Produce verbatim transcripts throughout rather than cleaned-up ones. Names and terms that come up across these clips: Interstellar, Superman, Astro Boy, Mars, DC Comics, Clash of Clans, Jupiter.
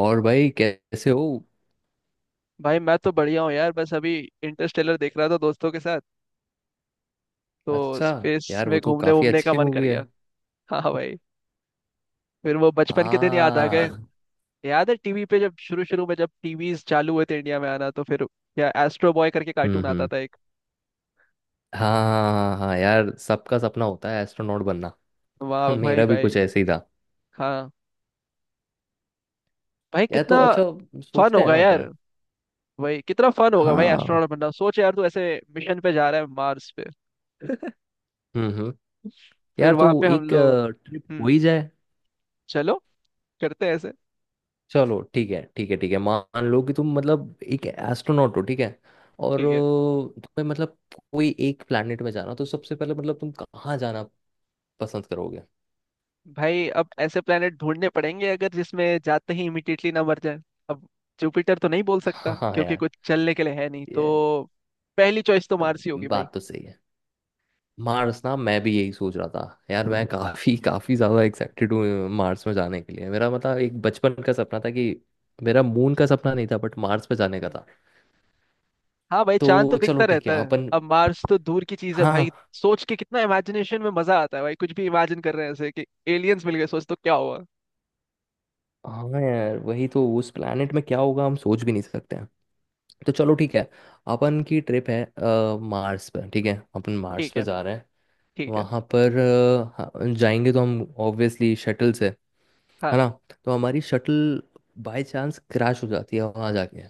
और भाई कैसे हो। भाई मैं तो बढ़िया हूँ यार। बस अभी इंटरस्टेलर देख रहा था दोस्तों के साथ। तो अच्छा। स्पेस यार वो में तो घूमने काफी वूमने का अच्छी मन कर मूवी है। गया। हाँ भाई। फिर वो आ बचपन के दिन याद आ गए। हाँ। याद है टीवी पे जब शुरू शुरू में जब टीवीज चालू हुए थे इंडिया में आना, तो फिर या एस्ट्रो बॉय करके हम्म कार्टून आता हम्म। था एक। हाँ हाँ हाँ, यार सबका सपना होता है एस्ट्रोनॉट बनना। वाह हाँ, भाई मेरा भी भाई। कुछ ऐसे ही था। हाँ। भाई यार कितना तो अच्छा फन सोचते हैं होगा ना यार। अपन। भाई कितना फन होगा भाई हाँ। एस्ट्रोनॉट बनना। सोच यार, तू ऐसे मिशन पे जा रहा है मार्स पे। हम्म हम्म। फिर यार तो वहां पे हम एक लोग। ट्रिप हो हम्म। ही जाए। चलो, करते हैं ऐसे। चलो ठीक है, ठीक है, ठीक है, मान लो कि तुम मतलब एक एस्ट्रोनॉट हो, ठीक है। और ठीक है। अ, तुम्हें मतलब कोई एक प्लेनेट में जाना तो सबसे पहले मतलब तुम कहाँ जाना पसंद करोगे? भाई अब ऐसे प्लेनेट ढूंढने पड़ेंगे अगर, जिसमें जाते ही इमिडिएटली ना मर जाए। अब जुपिटर तो नहीं बोल हाँ सकता क्योंकि हाँ, कुछ चलने के लिए है नहीं यार तो। पहली चॉइस तो मार्स ही होगी भाई। बात तो सही है। मार्स ना, मैं भी यही सोच रहा था। यार मैं काफी काफी ज्यादा एक्साइटेड हूँ मार्स में जाने के लिए, मेरा मतलब एक बचपन का सपना था कि मेरा मून का सपना नहीं था बट मार्स पे जाने का हम्म, था। हाँ भाई, चांद तो तो दिखता चलो ठीक रहता है है। अपन। अब मार्स तो दूर की चीज है भाई, हाँ सोच के कितना इमेजिनेशन में मजा आता है भाई। कुछ भी इमेजिन कर रहे हैं ऐसे कि एलियंस मिल गए, सोच तो क्या हुआ। हाँ, यार वही तो, उस प्लेनेट में क्या होगा हम सोच भी नहीं सकते हैं। तो चलो ठीक है, अपन की ट्रिप है अ, मार्स पर, ठीक है, अपन मार्स ठीक पर है। जा रहे हैं। ठीक है। वहाँ पर अ, हाँ, जाएंगे तो हम ऑब्वियसली शटल से। हाँ। है ना। तो हमारी शटल बाय चांस क्रैश हो जाती है वहां जाके।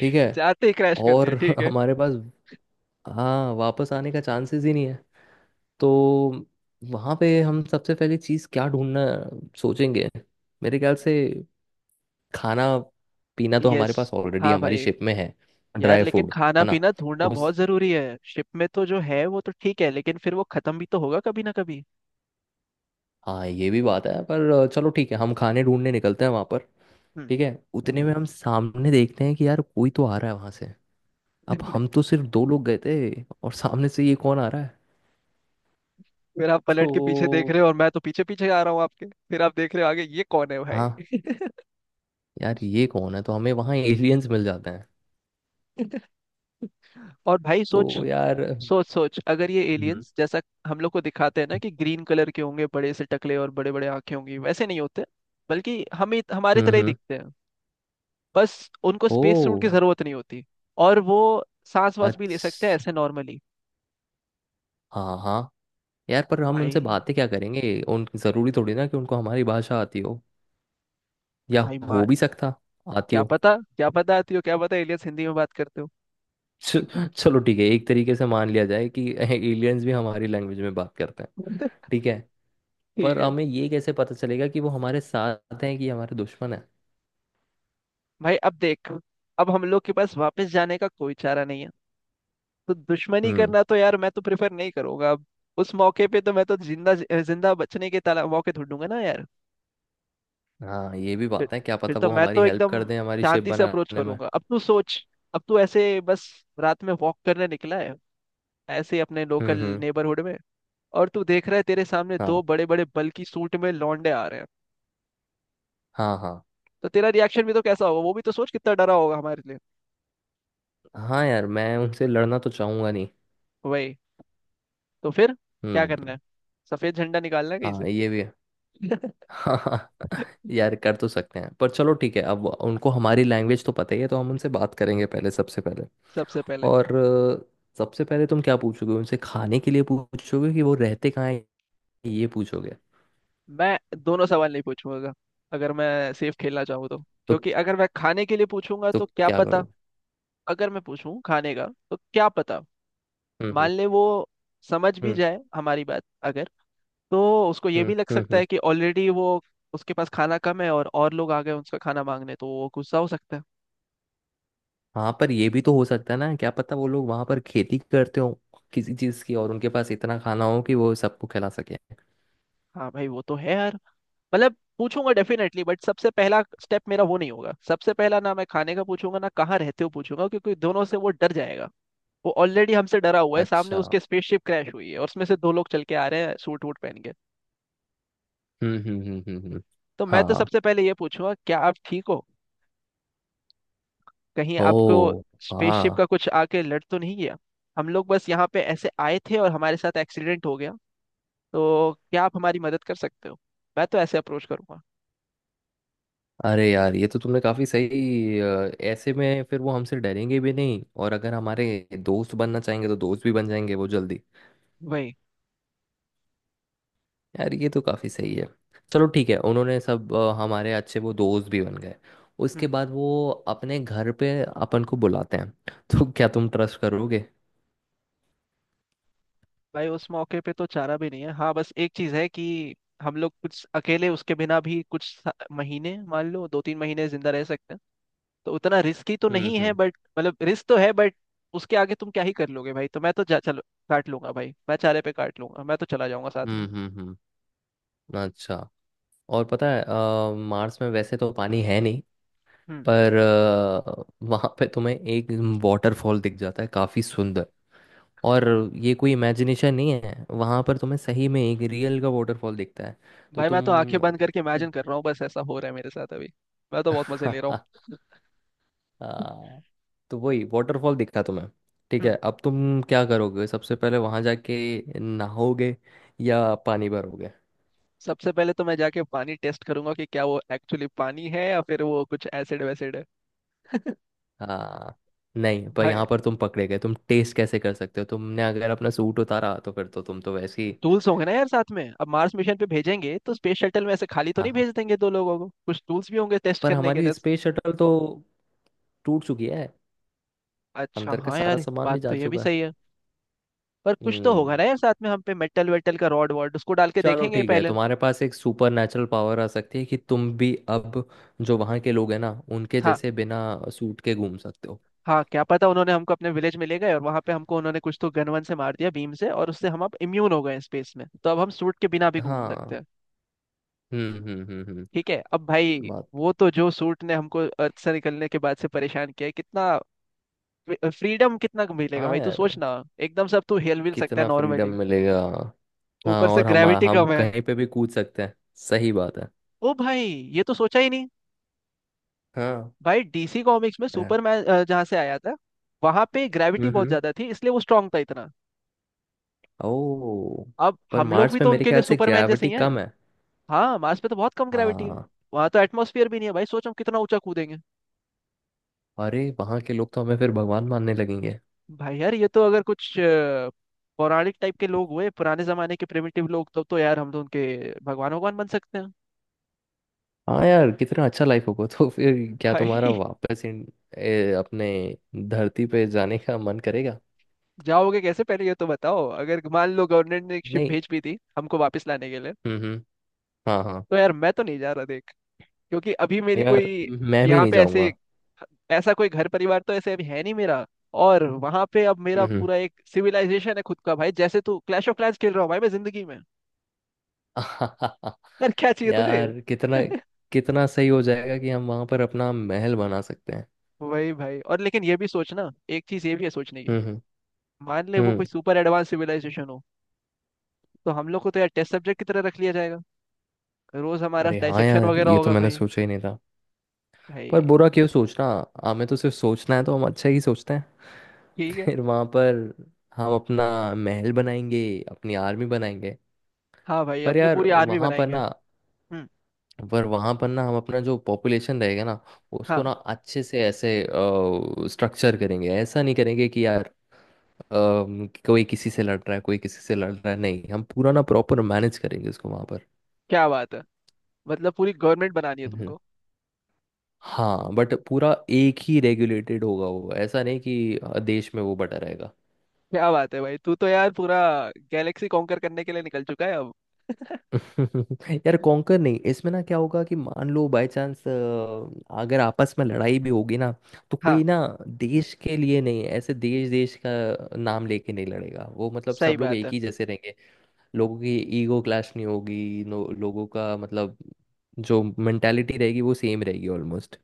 ठीक है। जाते ही क्रैश कर दिया, और ठीक है। हमारे पास, हाँ, वापस आने का चांसेस ही नहीं है। तो वहां पे हम सबसे पहले चीज क्या ढूंढना सोचेंगे? मेरे ख्याल से खाना पीना तो यस। हमारे पास ऑलरेडी हाँ हमारी भाई। शिप में है। यार ड्राई लेकिन फूड खाना है ना। पीना ढूंढना उस बहुत जरूरी है। शिप में तो जो है वो तो ठीक है, लेकिन फिर वो खत्म भी तो होगा कभी ना कभी। हाँ ये भी बात है, पर चलो ठीक है हम खाने ढूंढने निकलते हैं वहां पर। हम्म। ठीक है। उतने में हम सामने देखते हैं कि यार कोई तो आ रहा है वहां से। अब हम तो सिर्फ दो लोग गए थे, और सामने से ये कौन आ रहा है? फिर आप पलट के पीछे देख तो रहे हो और मैं तो पीछे पीछे आ रहा हूँ आपके, फिर आप देख रहे हो आगे ये कौन है भाई। हाँ, यार ये कौन है, तो हमें वहाँ एलियंस मिल जाते हैं। और भाई सोच। तो यार। सोच सोच, अगर ये हम्म एलियंस जैसा हम लोग को दिखाते हैं ना कि ग्रीन कलर के होंगे बड़े से टकले और बड़े बड़े आंखें होंगी, वैसे नहीं होते। बल्कि हमें हमारे हम्म तरह ही हम्म। दिखते हैं। बस उनको ओ। स्पेस सूट की जरूरत नहीं होती। और वो सांस वास भी ले सकते हैं अच्छा। ऐसे नॉर्मली। हाँ हाँ, यार पर हम उनसे भाई। बातें क्या करेंगे? उन जरूरी थोड़ी ना कि उनको हमारी भाषा आती हो, या भाई। हो भी सकता आती क्या हो। पता, क्या पता आती हो। क्या पता एलियंस हिंदी में बात करते हो। च- चलो ठीक है, एक तरीके से मान लिया जाए कि एलियंस भी हमारी लैंग्वेज में बात करते हैं। बोलते, ठीक है। ठीक पर है। हमें ये कैसे पता चलेगा कि वो हमारे साथ हैं कि हमारे दुश्मन? भाई अब देख, अब हम लोग के पास वापस जाने का कोई चारा नहीं है। तो दुश्मनी हम्म। करना तो यार मैं तो प्रेफर नहीं करूंगा अब। उस मौके पे तो मैं तो जिंदा जिंदा बचने के ताला मौके ढूंढूंगा ना यार। हाँ ये भी फिर बात है, क्या फिर पता तो वो मैं हमारी तो हेल्प कर एकदम दें हमारी शिप शांति से अप्रोच बनाने में। करूंगा। अब तू सोच, अब तू ऐसे बस रात में वॉक करने निकला है ऐसे ही अपने हम्म लोकल हम्म। नेबरहुड में। और तू देख रहा है तेरे सामने हाँ दो बड़े बड़े बल्कि सूट में लौंडे आ रहे हैं। हाँ हाँ तो तेरा रिएक्शन भी तो कैसा होगा, वो भी तो सोच कितना डरा होगा हमारे लिए। हाँ। यार मैं उनसे लड़ना तो चाहूंगा नहीं। वही तो। फिर क्या करना है, हम्म। सफेद झंडा निकालना है कहीं से। हाँ ये भी है। हाँ हाँ, यार कर तो सकते हैं, पर चलो ठीक है, अब उनको हमारी लैंग्वेज तो पता ही है तो हम उनसे बात करेंगे पहले, सबसे पहले। सबसे पहले। और अ, सबसे पहले तुम क्या पूछोगे उनसे? खाने के लिए पूछोगे कि वो रहते कहाँ हैं, ये पूछोगे? मैं दोनों सवाल नहीं पूछूंगा अगर मैं सेफ खेलना चाहूँ तो। तो क्योंकि अगर मैं खाने के लिए पूछूंगा तो तो क्या क्या पता। करो? अगर मैं पूछूं खाने का तो क्या पता, हम्म हम्म मान ले वो समझ भी हम्म जाए हमारी बात। अगर, तो उसको ये हम्म भी लग हम्म सकता हम्म। है कि ऑलरेडी वो, उसके पास खाना कम है और और लोग आ गए उनका खाना मांगने, तो वो गुस्सा हो सकता है। हाँ, पर ये भी तो हो सकता है ना, क्या पता वो लोग वहां पर खेती करते हो किसी चीज की, और उनके पास इतना खाना हो कि वो सबको खिला सके। हाँ भाई वो तो है यार। मतलब पूछूंगा डेफिनेटली बट सबसे पहला स्टेप मेरा वो नहीं होगा। सबसे पहला ना मैं खाने का पूछूंगा ना कहाँ रहते हो पूछूंगा, क्योंकि दोनों से वो डर जाएगा। वो ऑलरेडी हमसे डरा हुआ है, सामने अच्छा। उसके स्पेसशिप क्रैश हुई है और उसमें से दो लोग चल के आ रहे हैं सूट वूट पहन के। हम्म हम्म हम्म हम्म हम्म। तो मैं तो हाँ। सबसे पहले ये पूछूंगा, क्या आप ठीक हो, कहीं आपको ओ। स्पेसशिप हाँ। का कुछ आके लड़ तो नहीं गया। हम लोग बस यहाँ पे ऐसे आए थे और हमारे साथ एक्सीडेंट हो गया, तो क्या आप हमारी मदद कर सकते हो। मैं तो ऐसे अप्रोच करूंगा। अरे यार, ये तो तुमने काफी सही, अ, ऐसे में फिर वो हमसे डरेंगे भी नहीं और अगर हमारे दोस्त बनना चाहेंगे तो दोस्त भी बन जाएंगे वो जल्दी। वही यार ये तो काफ़ी सही है। चलो ठीक है, उन्होंने सब अ, हमारे अच्छे वो दोस्त भी बन गए। उसके बाद वो अपने घर पे अपन को बुलाते हैं, तो क्या तुम ट्रस्ट करोगे? भाई। उस मौके पे तो चारा भी नहीं है, हाँ बस एक चीज है कि हम लोग कुछ अकेले उसके बिना भी कुछ सा- महीने, मान लो दो तीन महीने जिंदा रह सकते हैं। तो उतना रिस्की तो हम्म नहीं है हम्म बट मतलब रिस्क तो है बट उसके आगे तुम क्या ही कर लोगे भाई। तो मैं तो जा, चलो काट लूंगा भाई। मैं चारे पे काट लूंगा, मैं तो चला जाऊंगा साथ में। हम्म हम्म हम्म, अच्छा। और पता है, अ, मार्स में वैसे तो पानी है नहीं, हम्म। पर अ, वहाँ पे तुम्हें एक वाटरफॉल दिख जाता है काफ़ी सुंदर। और ये कोई इमेजिनेशन नहीं है, वहाँ पर तुम्हें सही में एक रियल का वाटरफॉल दिखता है, तो भाई तुम... मैं तो आंखें बंद करके इमेजिन कर रहा हूँ, बस ऐसा हो रहा है मेरे साथ अभी। मैं तो बहुत मजे ले रहा हूँ। हाँ, तो वही वाटरफॉल दिखा तुम्हें। ठीक है, हम्म। अब तुम क्या करोगे सबसे पहले वहां जाके? नहाओगे या पानी भरोगे? सबसे पहले तो मैं जाके पानी टेस्ट करूंगा कि क्या वो एक्चुअली पानी है या फिर वो कुछ एसिड वैसिड है। हाँ। नहीं, पर भाई यहाँ पर तुम पकड़े गए, तुम टेस्ट कैसे कर सकते हो? तुमने अगर अपना सूट उतारा तो फिर तो तुम तो वैसे ही... टूल्स होंगे ना यार साथ में। अब मार्स मिशन पे भेजेंगे तो स्पेस शटल में ऐसे खाली तो हाँ नहीं हाँ, भेज देंगे दो लोगों को, कुछ टूल्स भी होंगे टेस्ट पर करने के हमारी लिए। स्पेस शटल तो टूट चुकी है। अच्छा अंदर का हाँ सारा यार, सामान बात भी तो जा ये भी चुका है। सही है। पर कुछ तो होगा हम्म। ना यार साथ में हम पे, मेटल वेटल का रॉड वॉड उसको डाल के चलो देखेंगे ठीक है, पहले। तुम्हारे पास एक सुपर नेचुरल पावर आ सकती है कि तुम भी अब जो वहाँ के लोग हैं ना, उनके हाँ जैसे बिना सूट के घूम सकते हो। हाँ, क्या पता उन्होंने हमको अपने विलेज में ले गए और वहां पे हमको उन्होंने कुछ तो गन वन से मार दिया बीम से, और उससे हम अब इम्यून हो गए हैं स्पेस में, तो अब हम सूट के बिना भी घूम सकते हाँ। हैं। हम्म हम्म हम्म हम्म। ठीक है। अब भाई बात वो तो, जो सूट ने हमको अर्थ से निकलने के बाद से परेशान किया है कितना, फ्रीडम कितना मिलेगा हाँ भाई तू सोच यार, ना। एकदम से अब तू हिल मिल सकता है कितना फ्रीडम नॉर्मली। मिलेगा। हाँ, ऊपर से और हम ग्रेविटी हम कम है। कहीं पे भी कूद सकते हैं। सही बात है। ओ भाई, ये तो सोचा ही नहीं। हाँ। भाई डीसी कॉमिक्स में है। सुपरमैन जहाँ से आया था, वहां पे ग्रेविटी बहुत हम्म। ज्यादा थी, इसलिए वो स्ट्रांग था इतना। ओ। अब पर हम लोग भी मार्स में तो मेरे उनके लिए ख्याल से सुपरमैन जैसे ग्रेविटी ही हैं। कम है। हाँ, मार्स पे तो बहुत कम ग्रेविटी है। हाँ। वहां तो एटमोसफियर भी नहीं है भाई, सोचो हम कितना ऊंचा कूदेंगे। अरे वहाँ के लोग तो हमें फिर भगवान मानने लगेंगे। भाई यार ये तो अगर कुछ अ, पौराणिक टाइप के लोग हुए पुराने जमाने के प्रिमिटिव लोग, तो तो यार हम तो उनके भगवान भगवान बन सकते हैं। हाँ यार, कितना अच्छा लाइफ होगा तो फिर। क्या भाई तुम्हारा वापस इन, ए, अपने धरती पे जाने का मन करेगा? जाओगे कैसे पहले ये तो बताओ, अगर मान लो गवर्नमेंट ने एक शिप नहीं। भेज भी दी हमको वापस लाने के लिए। हम्म हम्म। हाँ हाँ, तो यार मैं तो नहीं जा रहा देख। क्योंकि अभी मेरी यार कोई मैं भी यहाँ नहीं पे ऐसे, जाऊंगा। ऐसा कोई घर परिवार तो ऐसे अभी है नहीं मेरा। और वहां पे अब मेरा पूरा एक सिविलाइजेशन है खुद का भाई, जैसे तू क्लैश ऑफ क्लैंस खेल रहा हूँ भाई मैं जिंदगी में। हम्म। यार क्या चाहिए तुझे। यार कितना कितना सही हो जाएगा कि हम वहां पर अपना महल बना सकते हैं। वही भाई। और लेकिन ये भी सोचना, एक चीज ये भी है सोचने की। हम्म हम्म मान ले वो हम्म। कोई सुपर एडवांस सिविलाइजेशन हो, तो हम लोग को तो यार टेस्ट सब्जेक्ट की तरह रख लिया जाएगा। रोज हमारा अरे हाँ डाइसेक्शन यार, वगैरह ये तो होगा मैंने भाई। सोचा ही नहीं था। पर भाई। बुरा क्यों सोचना। हमें तो सिर्फ सोचना है, तो हम अच्छा ही सोचते हैं। ठीक है। फिर वहां पर हम अपना महल बनाएंगे, अपनी आर्मी बनाएंगे। हाँ भाई, पर अपनी यार पूरी आर्मी वहां पर बनाएंगे। ना हम्म। पर वहां पर ना, हम अपना जो पॉपुलेशन रहेगा ना, उसको हाँ। ना अच्छे से ऐसे स्ट्रक्चर करेंगे। ऐसा नहीं करेंगे कि यार अम, कोई किसी से लड़ रहा है, कोई किसी से लड़ रहा है। नहीं, हम पूरा ना प्रॉपर मैनेज करेंगे उसको वहां पर। क्या बात है। मतलब पूरी गवर्नमेंट बनानी है हम्म, तुमको। हाँ बट पूरा एक ही रेगुलेटेड होगा वो, ऐसा नहीं कि अ, देश में वो बटा रहेगा। क्या बात है भाई, तू तो यार पूरा गैलेक्सी कॉन्कर करने के लिए निकल चुका है अब। यार कॉन्कर नहीं, इसमें ना क्या होगा कि मान लो बाय चांस अगर आपस में लड़ाई भी होगी ना, तो हाँ, कोई ना देश के लिए नहीं, ऐसे देश देश का नाम लेके नहीं लड़ेगा वो, मतलब सही सब लोग बात है। एक ही जैसे लोगों की ईगो क्लैश नहीं होगी, नो- लोगों का मतलब जो मेंटालिटी रहेगी वो सेम रहेगी ऑलमोस्ट।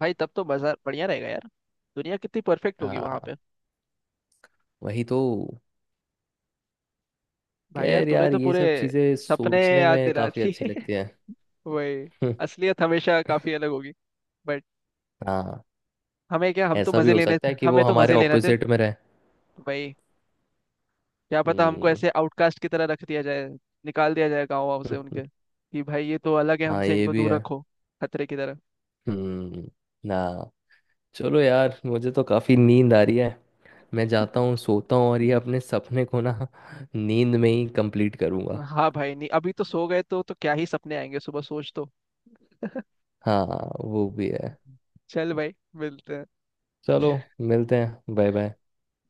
भाई तब तो बाजार बढ़िया रहेगा यार। दुनिया कितनी परफेक्ट होगी वहां हाँ पे। वही तो। भाई यार खैर तूने यार, तो ये पूरे सब चीज़ें सपने सोचने याद में दिला काफ़ी अच्छी दिए। लगती हैं। वही। असलियत हमेशा काफी अलग होगी बट, हाँ। हमें क्या, हम तो ऐसा भी मजे हो लेने सकता थे, है कि वो हमें तो हमारे मजे लेना थे। ऑपोजिट में रहे। भाई क्या पता हमको हम्म। ऐसे आउटकास्ट की तरह रख दिया जाए, निकाल दिया जाए गाँव वाँव से उनके कि भाई ये तो अलग है हाँ हमसे, ये इनको भी दूर है। रखो। खतरे की तरह। हम्म। ना। चलो यार, मुझे तो काफ़ी नींद आ रही है। मैं जाता हूँ, सोता हूँ, और ये अपने सपने को ना नींद में ही कंप्लीट करूँगा। हाँ भाई नहीं, अभी तो सो गए तो तो क्या ही सपने आएंगे सुबह, सोच तो। हाँ, वो भी है। चल भाई मिलते हैं। चलो, मिलते हैं, bye bye.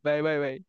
Bye bye bye.